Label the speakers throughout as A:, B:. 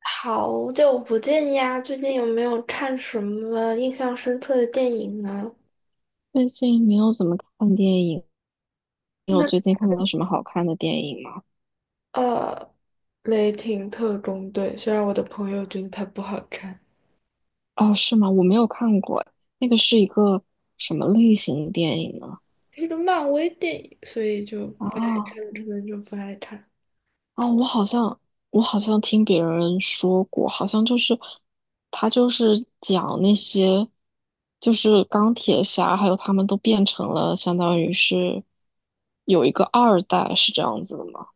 A: 好久不见呀，最近有没有看什么印象深刻的电影呢？
B: 最近没有怎么看电影，你有
A: 那
B: 最近看到什么好看的电影吗？
A: 呃，《雷霆特工队》，虽然我的朋友觉得它不好看，
B: 哦，是吗？我没有看过，那个是一个什么类型的电影呢？
A: 是个漫威电影，所以就可
B: 啊
A: 能就不爱看。
B: 我好像我好像听别人说过，好像就是他就是讲那些就是钢铁侠，还有他们都变成了相当于是有一个二代，是这样子的吗？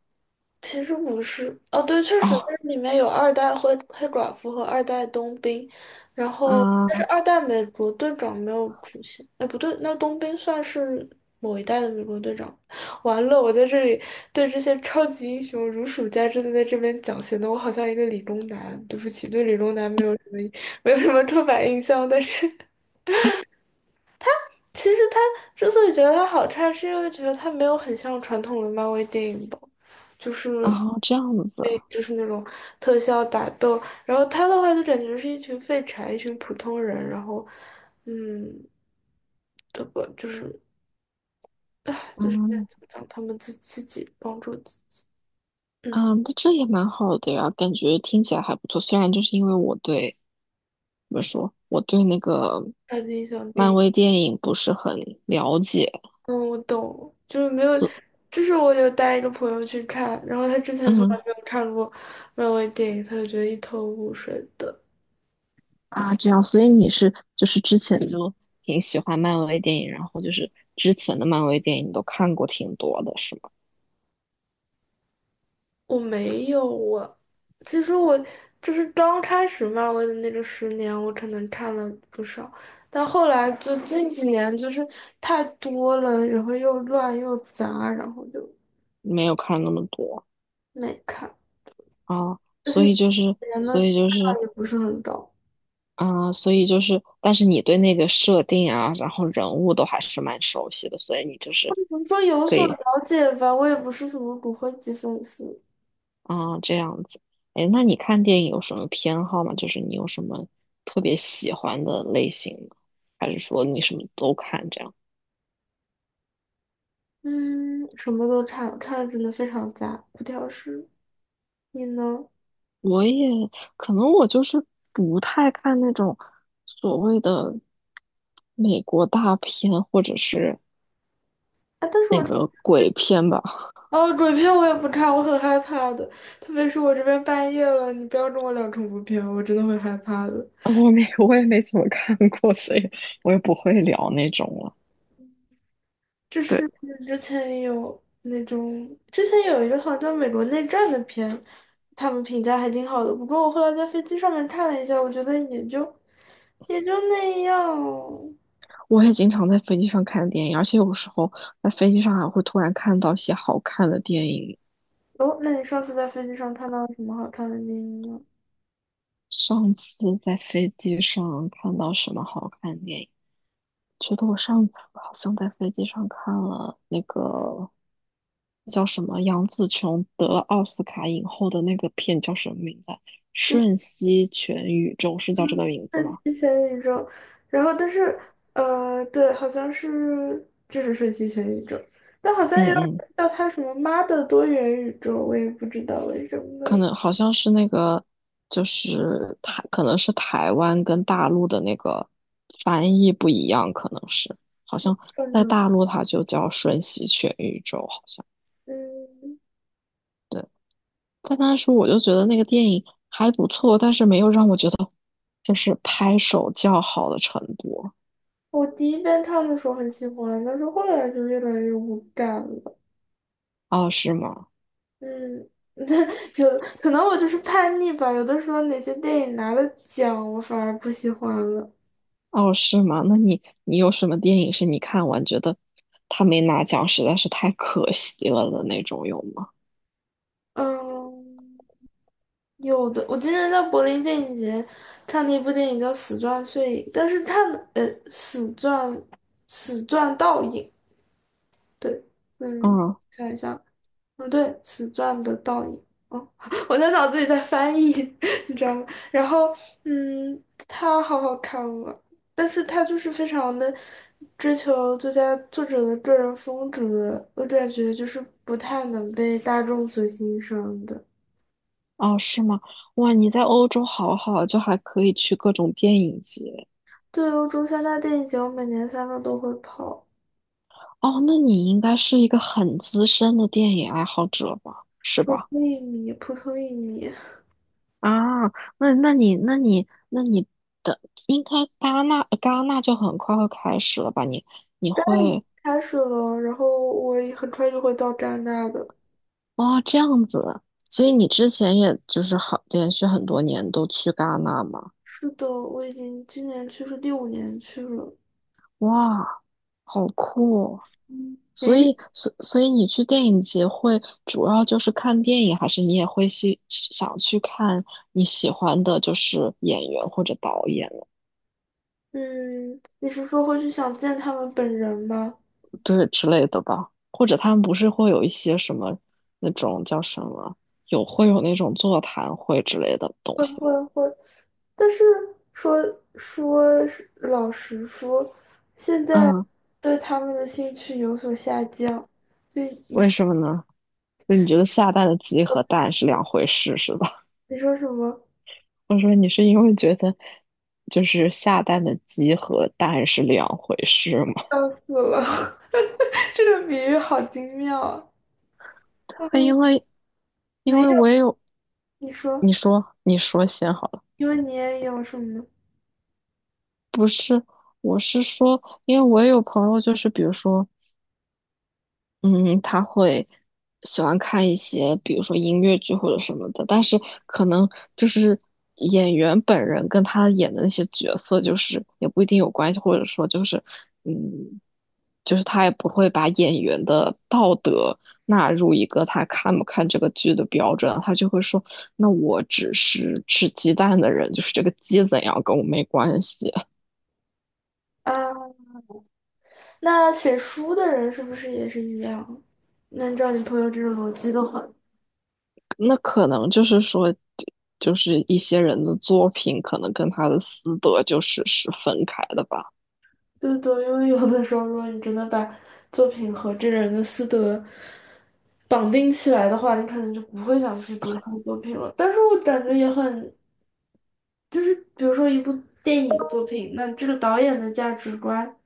A: 其实不是，哦，对，确实，但
B: 哦
A: 是里面有二代黑寡妇和二代冬兵，然后但是
B: 啊
A: 二代美国队长没有出现，哎，不对，那冬兵算是某一代的美国队长。完了，我在这里对这些超级英雄如数家珍的在这边讲，显得我好像一个理工男。对不起，对理工男没有什么刻板印象，但是其实他之所以觉得他好看，是因为觉得他没有很像传统的漫威电影吧。就是
B: 这样子。
A: 对，就是那种特效打斗，然后他的话就感觉是一群废柴，一群普通人，然后，嗯，这个就是，唉，就是在
B: 嗯
A: 怎么讲，他们自己帮助自己，嗯，
B: 嗯，这也蛮好的呀，感觉听起来还不错。虽然就是因为我对，怎么说，我对那个
A: 超级英雄电
B: 漫
A: 影，
B: 威电影不是很了解，
A: 嗯，我懂，就是没有，
B: 所
A: 就是我有带一个朋友去看，然后他之前从来
B: 嗯
A: 没有看过漫威电影，他就觉得一头雾水的，
B: 啊这样，所以你是就是之前就挺喜欢漫威电影，然后就是之前的漫威电影你都看过挺多的，是吗？
A: 我没有我，其实我就是刚开始漫威的那个10年，我可能看了不少，但后来就近几年就是太多了，然后又乱又杂，然后就
B: 没有看那么多。
A: 没看，
B: 啊，
A: 而且
B: 所以就是
A: 人的
B: 所
A: 质
B: 以就是
A: 量也不是很高。
B: 啊，所以就是，但是你对那个设定啊，然后人物都还是蛮熟悉的，所以你就是。
A: 怎么说有
B: 可
A: 所了
B: 以。
A: 解吧，我也不是什么骨灰级粉丝，
B: 啊，这样子。哎，那你看电影有什么偏好吗？就是你有什么特别喜欢的类型吗？还是说你什么都看这样？
A: 嗯，什么都看，看的真的非常杂，不挑食。你呢？
B: 我也可能我就是不太看那种所谓的美国大片或者是
A: 啊，但是
B: 那
A: 我
B: 个鬼片吧。
A: 哦，鬼片我也不看，我很害怕的，特别是我这边半夜了，你不要跟我聊恐怖片，我真的会害怕的。
B: 我没，我也没怎么看过，所以我也不会聊那种了。
A: 就
B: 对，
A: 是之前有那种，之前有一个好像美国内战的片，他们评价还挺好的，不过我后来在飞机上面看了一下，我觉得也就那样。
B: 我也经常在飞机上看电影，而且有时候在飞机上还会突然看到一些好看的电影。
A: 哦，那你上次在飞机上看到什么好看的电影吗？
B: 上次在飞机上看到什么好看的电影？觉得我上次好像在飞机上看了那个叫什么杨紫琼得了奥斯卡影后的那个片叫什么名字啊，瞬息全宇宙是叫这
A: 嗯，
B: 个名字
A: 是
B: 吗？
A: 之前宇宙，然后但是对，好像是就是瞬息全宇宙，但好像也有人
B: 嗯嗯，
A: 叫它什么“妈的多元宇宙”，我也不知道为什
B: 可
A: 么。
B: 能好像是那个，就是台，可能是台湾跟大陆的那个翻译不一样，可能是好像
A: 可
B: 在
A: 能，
B: 大陆它就叫瞬息全宇宙，好像。
A: 嗯，
B: 但当时我就觉得那个电影还不错，但是没有让我觉得就是拍手叫好的程度。
A: 我第一遍看的时候很喜欢，但是后来就越来越无感了。
B: 哦，是吗？
A: 嗯，有可能我就是叛逆吧，有的时候哪些电影拿了奖，我反而不喜欢了。
B: 哦，是吗？那你有什么电影是你看完觉得他没拿奖实在是太可惜了的那种有吗？
A: 嗯。有的，我之前在柏林电影节看了一部电影叫《死钻碎影》，但是它呃，《死钻，死钻倒影》对，嗯，
B: 嗯，
A: 看一下，嗯，对，《死钻的倒影》哦，我在脑子里在翻译，你知道吗？然后嗯，它好好看啊，但是它就是非常的追求作家作者的个人风格，我感觉就是不太能被大众所欣赏的。
B: 哦，是吗？哇，你在欧洲好好，就还可以去各种电影节。
A: 对，欧洲三大电影节，我每年3月都会跑，
B: 哦，那你应该是一个很资深的电影爱好者吧？是
A: 普
B: 吧？
A: 通一米，普通一米
B: 啊，那你的应该戛纳就很快会开始了吧？你你会
A: 开始了，然后我也很快就会到戛纳的。
B: 这样子，所以
A: 嗯
B: 你之前也就是好连续很多年都去戛纳嘛？
A: 是的，我已经今年去是第5年去了。
B: 哇，好酷哦。
A: 嗯，
B: 所
A: 诶，
B: 以所所以你去电影节会主要就是看电影，还是你也会去想去看你喜欢的就是演员或者导演？
A: 嗯，你是说会去想见他们本人吗？
B: 对之类的吧，或者他们不是会有一些什么那种叫什么，有会有那种座谈会之类的东
A: 会
B: 西吗。
A: 会会，但是说老实说，现在
B: 嗯，
A: 对他们的兴趣有所下降，对，以
B: 为
A: 前
B: 什么呢？就你觉得下蛋的鸡和蛋是两回事是吧？
A: 你说什么？
B: 我说你是因为觉得就是下蛋的鸡和蛋是两回事吗？
A: 笑死了，这个比喻好精妙啊！
B: 因为因
A: 没
B: 为
A: 有，
B: 我也有，
A: 你
B: 你
A: 说，
B: 说你说先好了，
A: 因为你也有什么
B: 不是，我是说，因为我也有朋友，就是比如说嗯，他会喜欢看一些，比如说音乐剧或者什么的，但是可能就是演员本人跟他演的那些角色，就是也不一定有关系，或者说就是，嗯，就是他也不会把演员的道德纳入一个他看不看这个剧的标准，他就会说，那我只是吃鸡蛋的人，就是这个鸡怎样跟我没关系。
A: 啊？那写书的人是不是也是一样？那按照你朋友这种逻辑的话，
B: 那可能就是说，就是一些人的作品可能跟他的私德就是是分开的吧？
A: 对不对？因为有的时候，如果你真的把作品和这个人的私德绑定起来的话，你可能就不会想去读他的作品了。但是我感觉也很就是比如说一部电影作品，那这个导演的价值观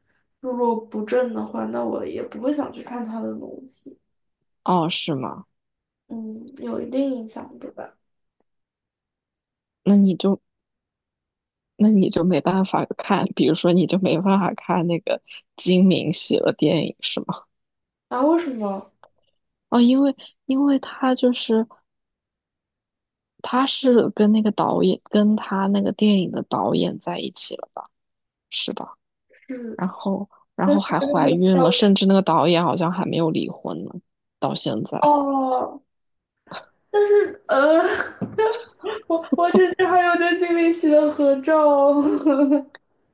A: 如果不正的话，那我也不会想去看他的东西。
B: 哦，是吗？
A: 嗯，有一定影响，对吧？
B: 那你就那你就没办法看，比如说你就没办法看那个金敏喜的电影是吗？
A: 啊，为什么？
B: 哦，因为因为他就是他是跟那个导演跟他那个电影的导演在一起了，是吧？
A: 是，
B: 然后然
A: 但
B: 后
A: 是
B: 还
A: 真的
B: 怀
A: 很
B: 孕
A: 漂
B: 了，
A: 亮
B: 甚至那个导演好像还没有离婚呢，到现在。
A: 哦。但是我之前还有跟金敏喜的合照。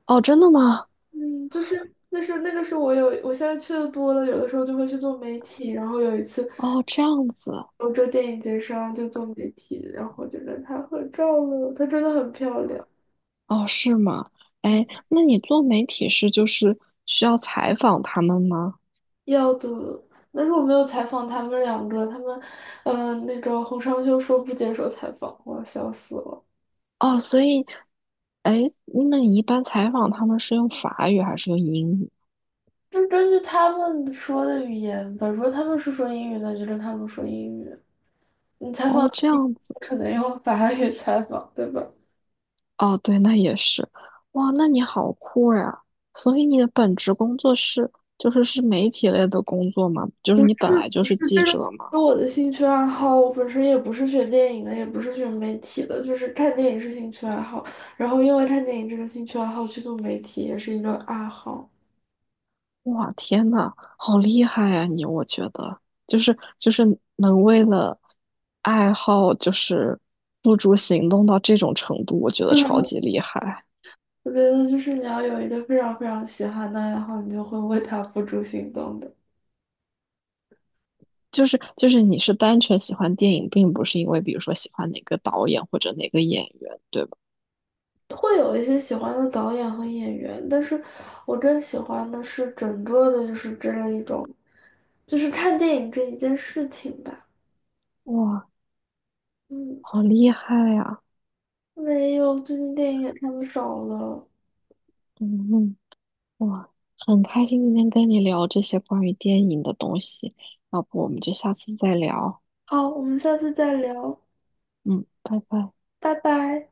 B: 哦，真的吗？
A: 嗯，就是那是那个时候我有，我现在去的多了，有的时候就会去做媒体，然后有一次。
B: 哦，这样子，
A: 欧洲电影节上就做媒体，然后就跟她合照了。她真的很漂亮，
B: 哦，是吗？哎，那你做媒体是就是需要采访他们吗？
A: 要的。但是我没有采访他们两个，他们，那个洪尚秀说不接受采访，我笑死了。
B: 哦，所以，哎，那你一般采访他们是用法语还是用英语？
A: 就是根据他们说的语言吧，如果他们是说英语，那就跟他们说英语。你采访
B: 哦，
A: 自
B: 这
A: 己
B: 样，
A: 可能用法语采访，对吧？
B: 哦，对，那也是，哇，那你好酷呀！所以你的本职工作是就是是媒体类的工作吗？就是你本来就是记者吗？
A: 那我的兴趣爱好，我本身也不是学电影的，也不是学媒体的，就是看电影是兴趣爱好。然后因为看电影这个兴趣爱好去做媒体也是一个爱好。
B: 哇，天呐，好厉害呀、你，我觉得就是能为了爱好就是付诸行动到这种程度，我觉得超
A: 嗯，
B: 级厉害。
A: 我觉得就是你要有一个非常非常喜欢的爱好，你就会为它付诸行动的。
B: 就是你是单纯喜欢电影，并不是因为比如说喜欢哪个导演或者哪个演员，对吧？
A: 会有一些喜欢的导演和演员，但是我更喜欢的是整个的，就是这样一种，就是看电影这一件事情吧。
B: 哇，
A: 嗯，
B: 好厉害呀、
A: 没有，最近电影也看的少了。
B: 嗯嗯，哇，很开心今天跟你聊这些关于电影的东西，要不我们就下次再聊。
A: 好，我们下次再聊。
B: 嗯，拜拜。
A: 拜拜。